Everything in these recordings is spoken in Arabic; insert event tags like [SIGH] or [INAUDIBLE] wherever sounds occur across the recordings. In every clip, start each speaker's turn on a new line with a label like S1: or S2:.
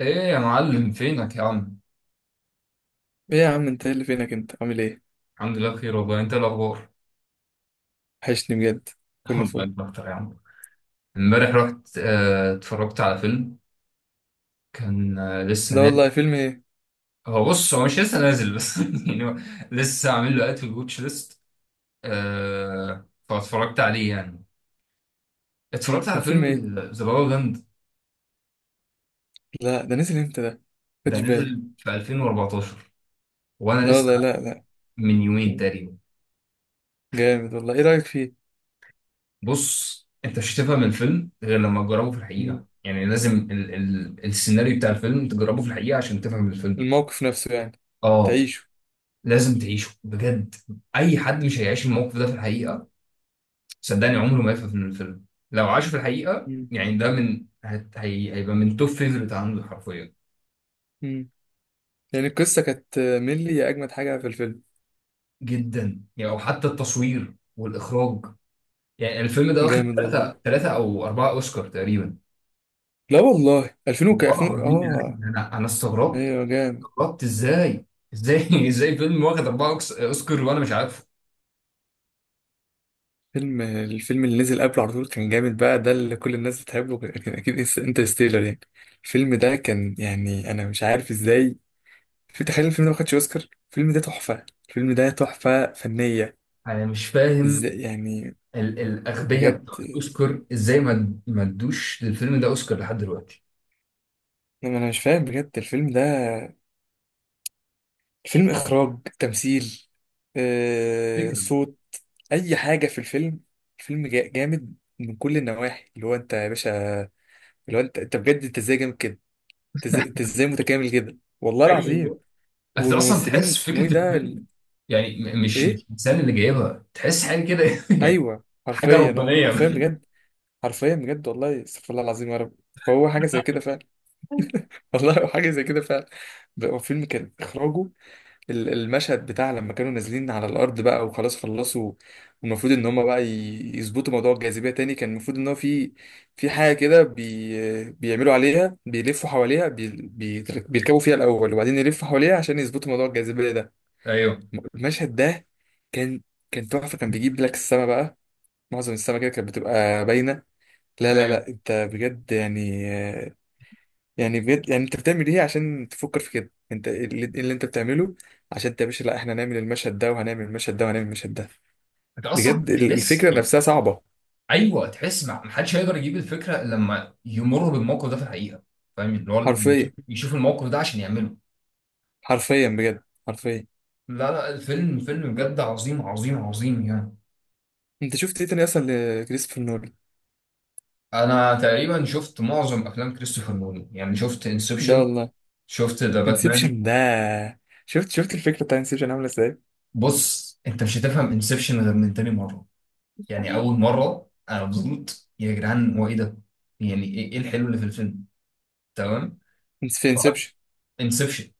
S1: ايه يا معلم، فينك يا عم؟
S2: ايه يا عم؟ انت ايه اللي فينك؟ انت عامل ايه؟
S1: الحمد لله بخير والله. انت إيه الاخبار؟
S2: وحشني بجد.
S1: [LAUGHS]
S2: كله
S1: والله
S2: فل.
S1: انت اكتر يا عم. امبارح رحت اتفرجت على فيلم. كان لسه
S2: لا
S1: نازل.
S2: والله، فيلم ايه؟
S1: هو بص، هو مش لسه نازل بس [LAUGHS] يعني هو لسه عامل له اد في الواتش ليست. فاتفرجت عليه يعني، اتفرجت
S2: كان
S1: على
S2: فيلم
S1: فيلم
S2: ايه؟
S1: ذا لا لا لاند.
S2: لا، ده نزل امتى ده؟
S1: ده
S2: خدش بالي.
S1: نزل في 2014 وانا
S2: لا
S1: لسه
S2: والله.
S1: عارف
S2: لا لا.
S1: من يومين تقريبا.
S2: جامد والله، ايه رأيك فيه؟
S1: بص، انت مش هتفهم الفيلم غير لما تجربه في الحقيقه.
S2: مم.
S1: يعني لازم ال السيناريو بتاع الفيلم تجربه في الحقيقه عشان تفهم الفيلم.
S2: الموقف نفسه يعني.
S1: اه،
S2: تعيشه.
S1: لازم تعيشه بجد. اي حد مش هيعيش الموقف ده في الحقيقه صدقني عمره ما يفهم من الفيلم. لو عاشه في الحقيقه
S2: مم.
S1: يعني، ده من هت- هي هيبقى من توب فيفرت عنده حرفيا.
S2: مم. يعني القصة كانت ملي، يا اجمد حاجة في الفيلم.
S1: جدا يعني، او حتى التصوير والاخراج. يعني الفيلم ده واخد
S2: جامد والله.
S1: ثلاثه او اربعه اوسكار تقريبا.
S2: لا والله، 2000
S1: والله
S2: 2000.
S1: العظيم يا أخي،
S2: اه
S1: انا استغربت.
S2: ايوه جامد.
S1: ربط ازاي؟ ازاي [LAUGHS] ازاي فيلم واخد اوسكار وانا مش عارفه؟
S2: الفيلم اللي نزل قبله على طول كان جامد، بقى ده اللي كل الناس بتحبه، كان اكيد انترستيلر يعني. الفيلم ده كان يعني انا مش عارف ازاي. في تخيل الفيلم ده ما خدش اوسكار؟ الفيلم ده تحفة، الفيلم ده تحفة فنية.
S1: انا مش فاهم،
S2: ازاي يعني؟
S1: الاغبياء
S2: بجد
S1: بتوع الاوسكار ازاي ما ادوش للفيلم ده اوسكار لحد دلوقتي؟
S2: انا مش فاهم بجد الفيلم ده. الفيلم، اخراج، تمثيل،
S1: فكرة.
S2: صوت، اي حاجة في الفيلم. جامد من كل النواحي. اللي هو انت يا باشا، اللي هو انت بجد، انت ازاي جامد كده. انت ازاي، أنت إزاي متكامل كده والله
S1: ايوه
S2: العظيم.
S1: والله. انت اصلا
S2: والممثلين
S1: تحس
S2: اسمه ايه
S1: فكره
S2: ده
S1: الفيلم، يعني م- مش
S2: ايه؟
S1: مش الانسان اللي جايبها تحس حاجه كده [LAUGHS]
S2: ايوه
S1: حاجه
S2: حرفيا، اه
S1: ربانيه.
S2: حرفيا بجد. حرفيا بجد والله، استغفر الله العظيم يا رب. فهو حاجه زي كده فعلا. [LAUGHS] والله هو حاجه زي كده فعلا. بقى هو فيلم، كان اخراجه، المشهد بتاع لما كانوا نازلين على الارض بقى وخلاص خلصوا، والمفروض ان هم بقى يظبطوا موضوع الجاذبيه تاني، كان المفروض ان هو في، في حاجه كده بيعملوا عليها، بيلفوا حواليها، بيركبوا فيها الاول وبعدين يلفوا حواليها عشان يظبطوا موضوع الجاذبيه ده.
S1: ايوه.
S2: المشهد ده كان، كان تحفه، كان بيجيب لك السما بقى، معظم السما كده كانت بتبقى باينه. لا لا
S1: ايوه،
S2: لا، انت بجد يعني، يعني بجد يعني انت بتعمل ايه عشان تفكر في كده؟ انت إيه اللي انت بتعمله؟ عشان انت يا باشا، لا احنا هنعمل المشهد ده وهنعمل المشهد ده وهنعمل المشهد ده.
S1: انت اصلا
S2: بجد
S1: تحس
S2: الفكره
S1: يعني.
S2: نفسها صعبه.
S1: ايوه، تحس. ما حدش هيقدر يجيب الفكره إلا لما يمر بالموقف ده في الحقيقه. فاهم؟ اللي هو
S2: حرفيا،
S1: يشوف الموقف ده عشان يعمله.
S2: حرفيا بجد، حرفيا.
S1: لا لا، الفيلم فيلم بجد عظيم عظيم عظيم يعني.
S2: انت شفت ايه تاني اصلا لكريستوفر نولان؟
S1: انا تقريبا شفت معظم افلام كريستوفر نولان. يعني شفت
S2: ده
S1: انسبشن،
S2: والله.
S1: شفت ذا باتمان.
S2: انسبشن ده، شفت الفكره بتاع انسبشن عامله ازاي؟
S1: بص، انت مش هتفهم انسبشن غير من تاني مره. يعني اول مره انا مبسوط، يا جدعان هو ايه ده؟ يعني ايه، إيه الحلو اللي في الفيلم؟ تمام.
S2: في انسبشن،
S1: انسبشن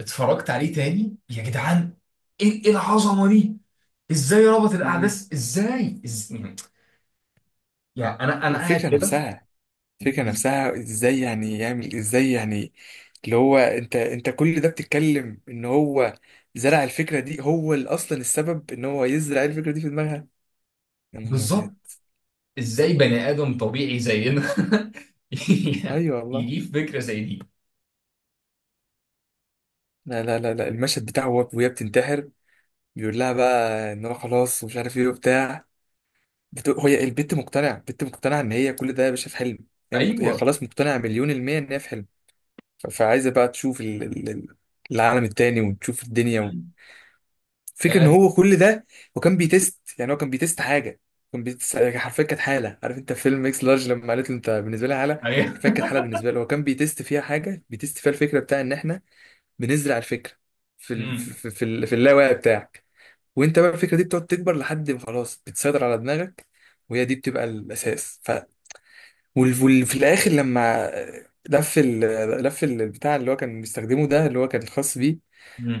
S1: اتفرجت عليه تاني، يا جدعان ايه، إيه العظمه دي؟ ازاي ربط الاحداث؟ ازاي؟ يعني انا قاعد
S2: والفكره
S1: كده.
S2: نفسها، الفكرة
S1: إز-
S2: نفسها ازاي يعني يعمل ازاي يعني. اللي هو انت كل ده بتتكلم ان هو زرع الفكرة دي، هو اللي اصلا السبب ان هو يزرع الفكرة دي في دماغها. يا نهار ابيض.
S1: بالظبط. ازاي بني ادم طبيعي زينا [LAUGHS] يعني
S2: ايوه والله.
S1: يجيب فكره زي دي؟
S2: لا لا لا لا، وهي بتنتحر، بيقول لها بقى ان هو خلاص ومش عارف ايه وبتاع. هي البت مقتنعة، مقتنعة ان هي كل ده يا باشا في حلم. هي
S1: ايوه.
S2: خلاص مقتنعة مليون المية ان هي في حلم. فعايزة بقى تشوف العالم التاني وتشوف الدنيا، فكرة ان
S1: آه،
S2: هو كل ده. وكان بيتست يعني، هو كان بيتست حاجه، كان بيتست حرفيا كانت حاله. عارف انت فيلم اكس لارج لما قالت له انت بالنسبه لي حاله؟
S1: ايوه
S2: حرفيا كانت حاله بالنسبه له، هو كان بيتست فيها حاجه، بيتست فيها الفكره بتاع ان احنا بنزرع الفكره في
S1: [LAUGHS] مم.
S2: اللاوعي بتاعك. وانت بقى الفكره دي بتقعد تكبر لحد ما خلاص بتسيطر على دماغك، وهي دي بتبقى الاساس. ف في الاخر، لما لف ال... لف البتاع اللي هو كان بيستخدمه ده، اللي هو كان الخاص بيه.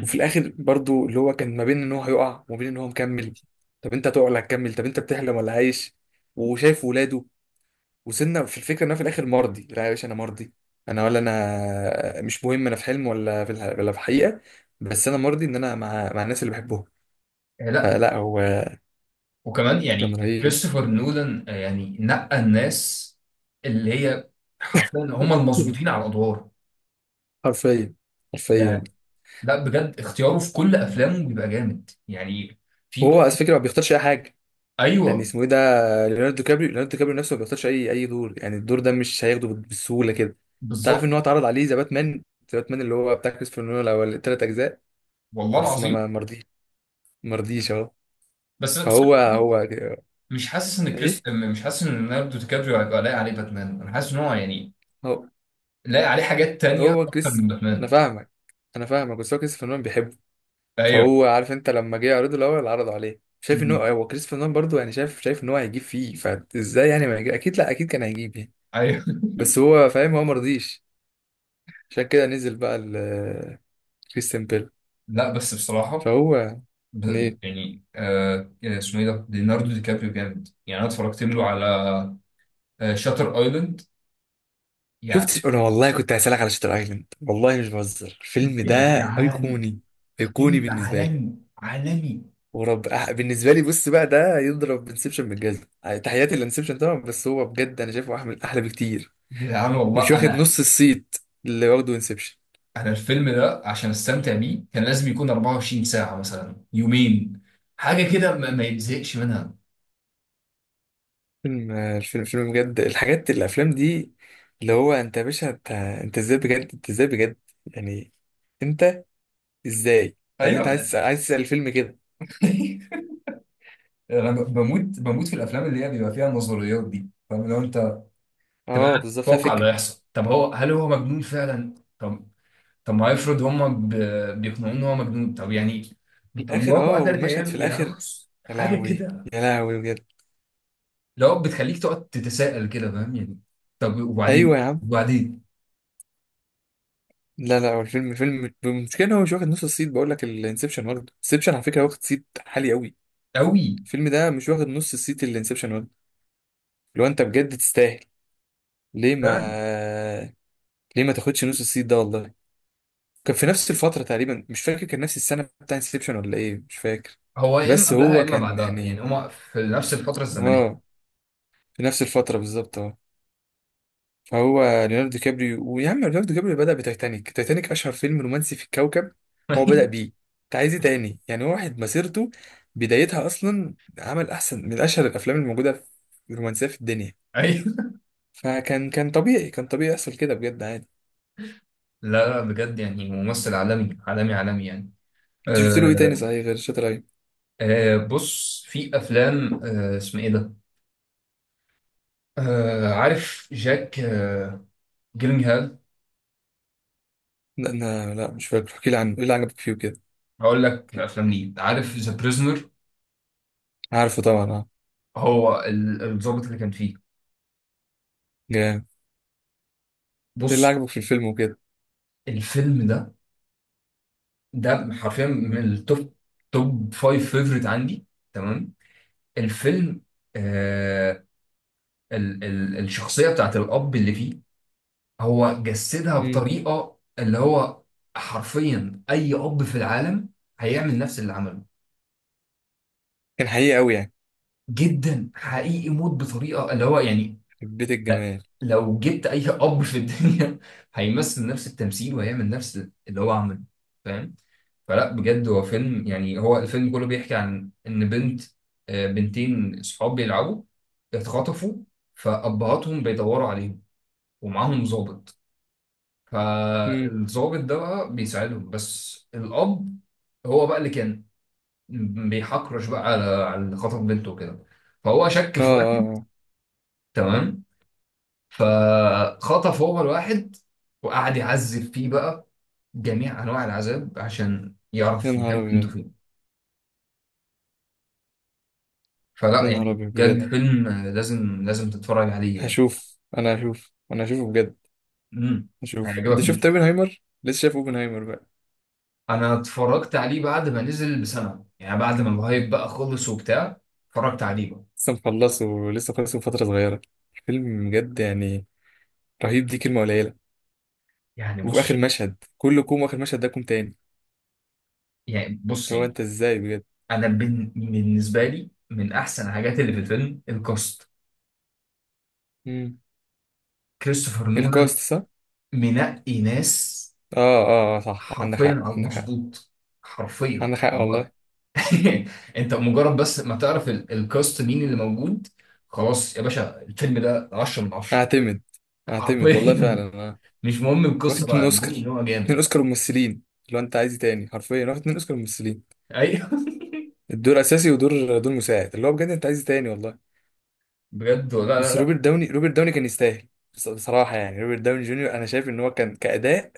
S2: وفي الاخر برضو اللي هو كان ما بين ان هو هيقع وما بين ان هو مكمل. طب انت هتقع ولا هتكمل؟ طب انت بتحلم ولا عايش وشايف ولاده؟ وصلنا في الفكره ان انا في الاخر مرضي، لا يا باشا، انا مرضي، انا ولا انا مش مهم، انا في حلم ولا في ولا في حقيقه، بس انا مرضي ان انا مع الناس اللي بحبهم.
S1: لا،
S2: فلا هو
S1: وكمان
S2: كان
S1: يعني
S2: رهيب.
S1: كريستوفر نولان يعني نقى الناس اللي هي حرفيا هم المظبوطين
S2: [LAUGHS]
S1: على الادوار
S2: حرفيا، حرفيا.
S1: يعني. لا بجد، اختياره في كل افلامه بيبقى جامد يعني. في
S2: وهو على
S1: برضه.
S2: فكره ما بيختارش اي حاجه. كان
S1: ايوه.
S2: اسمه ايه ده؟ ليوناردو كابريو، ليوناردو كابريو نفسه ما بيختارش اي دور يعني. الدور ده مش هياخده بالسهوله كده. تعرف
S1: بالظبط
S2: ان هو اتعرض عليه ذا باتمان؟ ذا باتمان اللي هو بتاع كريستوفر نولان الاول، الثلاث اجزاء،
S1: والله
S2: بس ما
S1: العظيم.
S2: ما مرضيش، مرضيش اهو.
S1: بس أنا بصراحة
S2: فهو، هو.
S1: مش حاسس ان
S2: ايه؟
S1: مش حاسس ان ليوناردو دي كابريو هيبقى لايق عليه باتمان. انا حاسس ان هو يعني
S2: هو،
S1: لاقي عليه حاجات تانية
S2: هو
S1: أكتر من
S2: كريس. انا
S1: باتمان.
S2: فاهمك، انا فاهمك، بس هو كريستوفر نولان بيحبه.
S1: أيوه.
S2: فهو عارف انت لما جه يعرضه الاول عرضه عليه، شايف ان هو
S1: مم.
S2: هو كريستوفر نولان برضه يعني شايف، ان هو هيجيب فيه. فازاي يعني ما يجيب؟ اكيد، لا اكيد كان هيجيب يعني.
S1: أيوه [LAUGHS]
S2: بس هو فاهم، هو مرضيش. عشان كده نزل بقى كريستيان بيل.
S1: لا بس بصراحة،
S2: فهو منين؟
S1: إيه، اسمه إيه ده؟ ليوناردو دي كابريو جامد يعني. أنا اتفرجت له على شاتر أيلاند يعني.
S2: شفت انا، والله كنت هسألك على شاتر ايلاند، والله مش بهزر، الفيلم ده
S1: يا جدعان،
S2: ايقوني، ايقوني
S1: فيلم
S2: بالنسبه لي.
S1: عالمي عالمي.
S2: بالنسبه لي بص بقى، ده يضرب انسبشن بالجزم. تحياتي لانسبشن طبعا، بس هو بجد انا شايفه احمل، احلى بكتير،
S1: يا جدعان
S2: مش
S1: والله،
S2: واخد
S1: أنا
S2: نص الصيت اللي واخده انسبشن.
S1: أنا الفيلم ده عشان أستمتع بيه كان لازم يكون 24 ساعة مثلا، يومين، حاجة كده ما يتزهقش منها.
S2: فيلم بجد. الحاجات، الافلام دي اللي هو انت يا باشا، انت ازاي بجد، انت ازاي بجد؟ يعني انت ازاي؟ عارف انت
S1: أيوه
S2: عايز، تسأل الفيلم كده.
S1: [LAUGHS] أنا بموت في الأفلام اللي هي بيبقى فيها النظريات دي، فاهم؟ لو أنت تبقى
S2: اه
S1: قاعد
S2: بالظبط، فيها
S1: تتوقع اللي
S2: فكره.
S1: هيحصل، طب هو هل هو مجنون فعلا؟ طب، طب ما افرض هم بيقنعوه ان هو مجنون. طب يعني، طب
S2: الاخر،
S1: مراته
S2: اه
S1: قتلت
S2: والمشهد في
S1: عياله يعني.
S2: الاخر.
S1: بص،
S2: يا
S1: حاجه
S2: لهوي.
S1: كده
S2: يا لهوي بجد.
S1: لو بتخليك تقعد تتساءل كده، فاهم يعني؟ طب وبعدين؟
S2: ايوه يا عم.
S1: وبعدين؟
S2: لا لا، هو الفيلم، المشكله ان هو مش واخد نص الصيت. بقول لك الانسبشن واخد، انسبشن على فكره واخد صيت عالي قوي.
S1: قوي.
S2: الفيلم ده مش واخد نص الصيت اللي انسبشن واخد. لو انت بجد تستاهل، ليه ما
S1: فعلا.
S2: ليه ما تاخدش نص الصيت ده والله. كان في نفس الفتره تقريبا، مش فاكر كان نفس السنه بتاع انسبشن ولا ايه، مش فاكر.
S1: هو يا اما
S2: بس
S1: قبلها يا
S2: هو
S1: اما
S2: كان
S1: بعدها، يعني
S2: يعني،
S1: هما في نفس الفتره الزمنيه.
S2: اه، في نفس الفتره بالظبط آه. فهو ليوناردو دي كابريو، ويا عم ليوناردو دي كابريو بدأ بتايتانيك، تايتانيك أشهر فيلم رومانسي في الكوكب، هو بدأ بيه.
S1: [LAUGHS]
S2: أنت عايز إيه تاني يعني؟ واحد مسيرته بدايتها أصلا عمل أحسن من أشهر الأفلام الموجودة في الرومانسية في الدنيا.
S1: ايوه.
S2: كان طبيعي، كان طبيعي يحصل كده، بجد عادي.
S1: لا لا، بجد يعني ممثل عالمي عالمي عالمي يعني.
S2: أنت شفت له إيه تاني
S1: أه.
S2: صحيح غير شاتر أيلاند؟
S1: أه، بص في افلام. أه، اسمه ايه ده؟ آه، عارف جاك آه جيلينغهال.
S2: لا أنا، لا مش فاكر. احكي لي عنه، إيه اللي عجبك فيه وكده؟
S1: هقول لك الافلام ليه. عارف ذا بريزنر؟
S2: عارفه طبعا أه.
S1: هو الضابط اللي كان فيه.
S2: جامد. إيه اللي
S1: بص،
S2: عجبك في الفيلم وكده؟
S1: الفيلم ده ده حرفيا من التوب، توب فايف فيفوريت عندي. تمام. الفيلم، آه، ال الشخصيه بتاعت الاب اللي فيه، هو جسدها
S2: مم.
S1: بطريقه اللي هو حرفيا اي اب في العالم هيعمل نفس اللي عمله.
S2: كان حقيقي أوي يعني.
S1: جدا حقيقي، موت بطريقه اللي هو يعني.
S2: حبيت
S1: لا،
S2: الجمال.
S1: لو جبت اي اب في الدنيا [LAUGHS] هيمثل نفس التمثيل وهيعمل نفس اللي هو عمله، فاهم؟ فلا بجد هو فيلم يعني، هو الفيلم كله بيحكي عن ان بنت، بنتين صحاب بيلعبوا اتخطفوا، فابهاتهم بيدوروا عليهم ومعاهم ضابط.
S2: مم.
S1: فالضابط ده بقى بيساعدهم، بس الاب هو بقى اللي كان بيحكرش بقى على على اللي خطف بنته كده. فهو شك
S2: أه
S1: في
S2: أه.
S1: واحد،
S2: أه.
S1: تمام، فخطف هو الواحد وقعد يعذب فيه بقى جميع انواع العذاب عشان
S2: يا
S1: يعرف
S2: نهار
S1: بجد انتوا
S2: أبيض.
S1: فين. فلا
S2: يا نهار
S1: يعني
S2: أبيض بجد.
S1: بجد، فيلم لازم لازم تتفرج عليه يعني.
S2: هشوفه بجد.
S1: امم،
S2: هشوف.
S1: هيعجبك
S2: انت شفت
S1: موت.
S2: اوبنهايمر؟ لسه شايف اوبنهايمر بقى؟
S1: انا اتفرجت عليه بعد ما نزل بسنه، يعني بعد ما الهايب بقى خلص وبتاع، اتفرجت عليه بقى.
S2: لسه مخلصه، ولسه خلصه من فتره صغيره. الفيلم بجد يعني رهيب، دي كلمه قليله.
S1: يعني
S2: وفي اخر
S1: بص
S2: مشهد كل كوم، واخر مشهد ده كوم تاني.
S1: يعني، بص
S2: اللي هو
S1: يعني
S2: انت ازاي بجد.
S1: انا بالنسبه لي من احسن الحاجات اللي في الفيلم الكاست.
S2: امم.
S1: كريستوفر نولان
S2: الكاست صح، اه.
S1: منقي ناس
S2: اه، صح، عندك
S1: حرفيا
S2: حق،
S1: على
S2: عندك حق.
S1: المظبوط، حرفيا
S2: عندك حق
S1: اللي هو
S2: والله.
S1: [LAUGHS] انت مجرد بس ما تعرف الكاست مين اللي موجود، خلاص يا باشا الفيلم ده 10 من 10
S2: اعتمد. اعتمد والله، فعلا
S1: حرفيا.
S2: اه.
S1: [LAUGHS] مش مهم
S2: واخد
S1: القصه بقى،
S2: اتنين اوسكار،
S1: المهم ان هو
S2: اتنين
S1: جامد.
S2: اوسكار ممثلين. اللي هو انت عايز إيه تاني؟ حرفيا واخد اتنين اوسكار ممثلين.
S1: ايوه
S2: الدور اساسي، دور مساعد. اللي هو بجد انت عايز إيه تاني والله.
S1: [LAUGHS] بجد لا لا
S2: بس
S1: لا.
S2: روبرت داوني كان يستاهل. بصراحة يعني روبرت داوني جونيور، أنا شايف إن هو كان كأداء،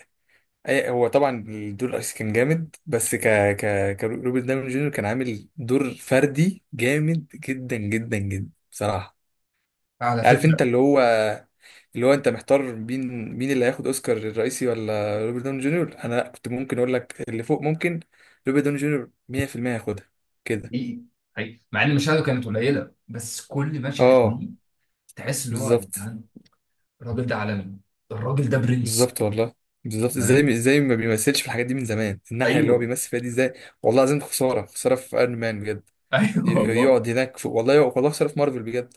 S2: هو طبعا الدور الأساسي كان جامد، بس ك ك كروبرت داوني جونيور كان عامل دور فردي جامد جدا جدا جدا بصراحة.
S1: على
S2: عارف أنت
S1: فكره.
S2: اللي هو، اللي هو أنت محتار مين اللي هياخد أوسكار الرئيسي ولا روبرت داوني جونيور. أنا لأ، كنت ممكن أقول لك اللي فوق ممكن، روبرت داوني جونيور 100% هياخدها كده.
S1: حقيقي، حقيقي، مع ان مشاهده كانت قليله بس كل مشهد
S2: أه
S1: ليه تحس ان هو يا
S2: بالظبط،
S1: جدعان الراجل ده عالمي، الراجل ده برنس،
S2: بالظبط والله. بالظبط،
S1: فاهم؟
S2: ازاي، ما بيمثلش في الحاجات دي من زمان، الناحيه اللي هو
S1: ايوه
S2: بيمثل فيها دي ازاي؟ والله العظيم خساره، خساره في ايرون مان بجد.
S1: [LAUGHS] ايوه
S2: ي-
S1: والله.
S2: يقعد هناك في، والله يقعد، والله خساره في مارفل بجد.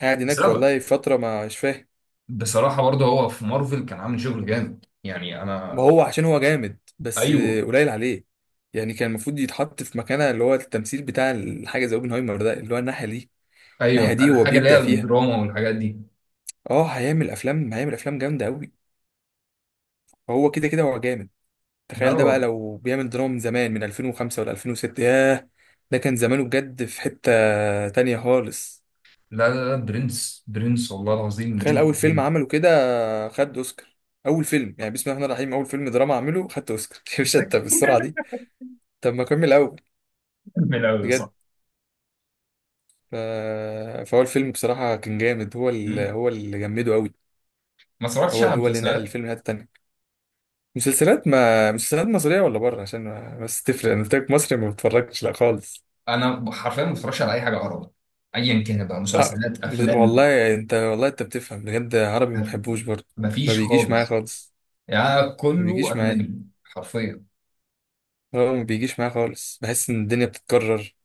S2: قاعد هناك
S1: بسبب،
S2: والله فتره ما مش فاهم.
S1: بصراحة برضه هو في مارفل كان عامل شغل جامد يعني
S2: ما
S1: أنا.
S2: هو عشان هو جامد بس،
S1: أيوه،
S2: قليل عليه. يعني كان المفروض يتحط في مكانه اللي هو التمثيل بتاع الحاجه زي اوبنهايمر ده، اللي هو الناحيه دي. الناحيه
S1: أيوه
S2: دي هو
S1: الحاجة اللي هي
S2: بيبدع فيها.
S1: الدراما والحاجات دي.
S2: اه هيعمل افلام جامده قوي. هو كده كده هو جامد.
S1: لا
S2: تخيل ده بقى
S1: هو،
S2: لو بيعمل دراما من زمان، من 2005 ولا 2006، ياه. ده كان زمانه بجد في حتة تانية خالص.
S1: لا لا لا برنس برنس والله العظيم
S2: تخيل
S1: برنس
S2: أول فيلم
S1: بجد.
S2: عمله كده خد أوسكار. أول فيلم يعني، بسم الله الرحمن الرحيم، أول فيلم دراما عمله خدت أوسكار. [LAUGHS] يا باشا أنت بالسرعة دي، طب ما أكمل الأول.
S1: [LAUGHS] من الأول
S2: بجد.
S1: صح.
S2: ف... فهو الفيلم بصراحة كان جامد، هو
S1: مم.
S2: اللي جمده أوي.
S1: ما اتفرجتش
S2: هو
S1: على
S2: اللي نقل
S1: مسلسلات.
S2: الفيلم لحتة تانية. مسلسلات، ما مسلسلات مصرية ولا بره، عشان ما، بس تفرق؟ أنا قلت لك مصري ما بتفرجش لا خالص.
S1: أنا حرفيا ما بتفرجش على أي حاجة عربي أيا كان بقى،
S2: آه.
S1: مسلسلات، أفلام،
S2: والله انت بتفهم بجد، عربي ما بحبوش برضه. ما
S1: مفيش
S2: بيجيش معايا
S1: خالص.
S2: خالص.
S1: يعني
S2: ما
S1: كله
S2: بيجيش معايا.
S1: أجنبي حرفيا.
S2: هو ما بيجيش معايا خالص، بحس ان الدنيا بتتكرر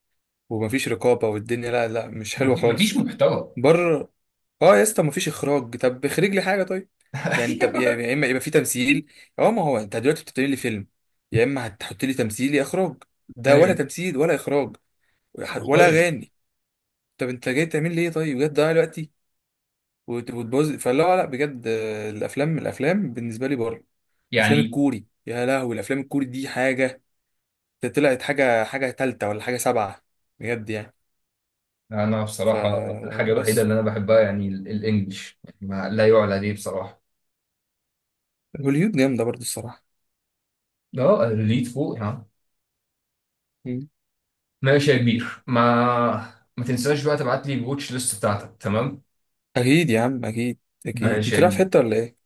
S2: ومفيش رقابة، والدنيا لا لا مش حلوة
S1: مفيش
S2: خالص.
S1: محتوى.
S2: بره. اه يا اسطى مفيش اخراج، طب اخرج لي حاجة طيب.
S1: [LAUGHS]
S2: يعني طب يا
S1: أيوه.
S2: يا اما يبقى في تمثيل، اه ما هو انت دلوقتي بتعمل لي فيلم، يا اما هتحط لي تمثيل يا اخراج. ده ولا
S1: أيوه
S2: تمثيل ولا اخراج ولا
S1: حرفيا
S2: اغاني. طب انت جاي تعمل لي ايه طيب؟ بجد ضيع الوقت وتبوظ. فلا لا بجد، الافلام، الافلام بالنسبه لي بره. الافلام
S1: يعني.
S2: الكوري، يا لهوي، الافلام الكوري دي حاجه. ده طلعت حاجه، تالتة ولا حاجه سبعه بجد يعني.
S1: انا بصراحه الحاجه الوحيده
S2: فبس
S1: اللي انا بحبها يعني الانجليش، يعني ما لا يعلى عليه بصراحه.
S2: هوليود جامده برضو الصراحه.
S1: اه ريليت فوق ها.
S2: مم.
S1: ماشي يا كبير، ما تنساش بقى تبعت لي الواتش ليست بتاعتك، تمام؟
S2: اكيد يا عم، اكيد. اكيد
S1: ماشي
S2: انت
S1: يا
S2: رايح في
S1: كبير،
S2: حته ولا ايه؟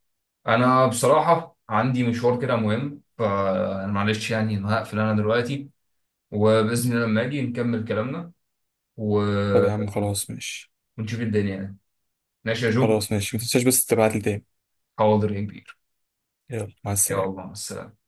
S1: انا بصراحه عندي مشوار كده مهم، فانا معلش يعني انا هقفل انا دلوقتي، وباذن الله لما اجي نكمل كلامنا و...
S2: طب يا عم خلاص ماشي.
S1: ونشوف الدنيا يعني. ماشي يا جو.
S2: خلاص ماشي، ما تنساش بس تبعت لي تاني.
S1: حاضر يا كبير.
S2: يلا مع
S1: يلا
S2: السلامه.
S1: مع السلامه.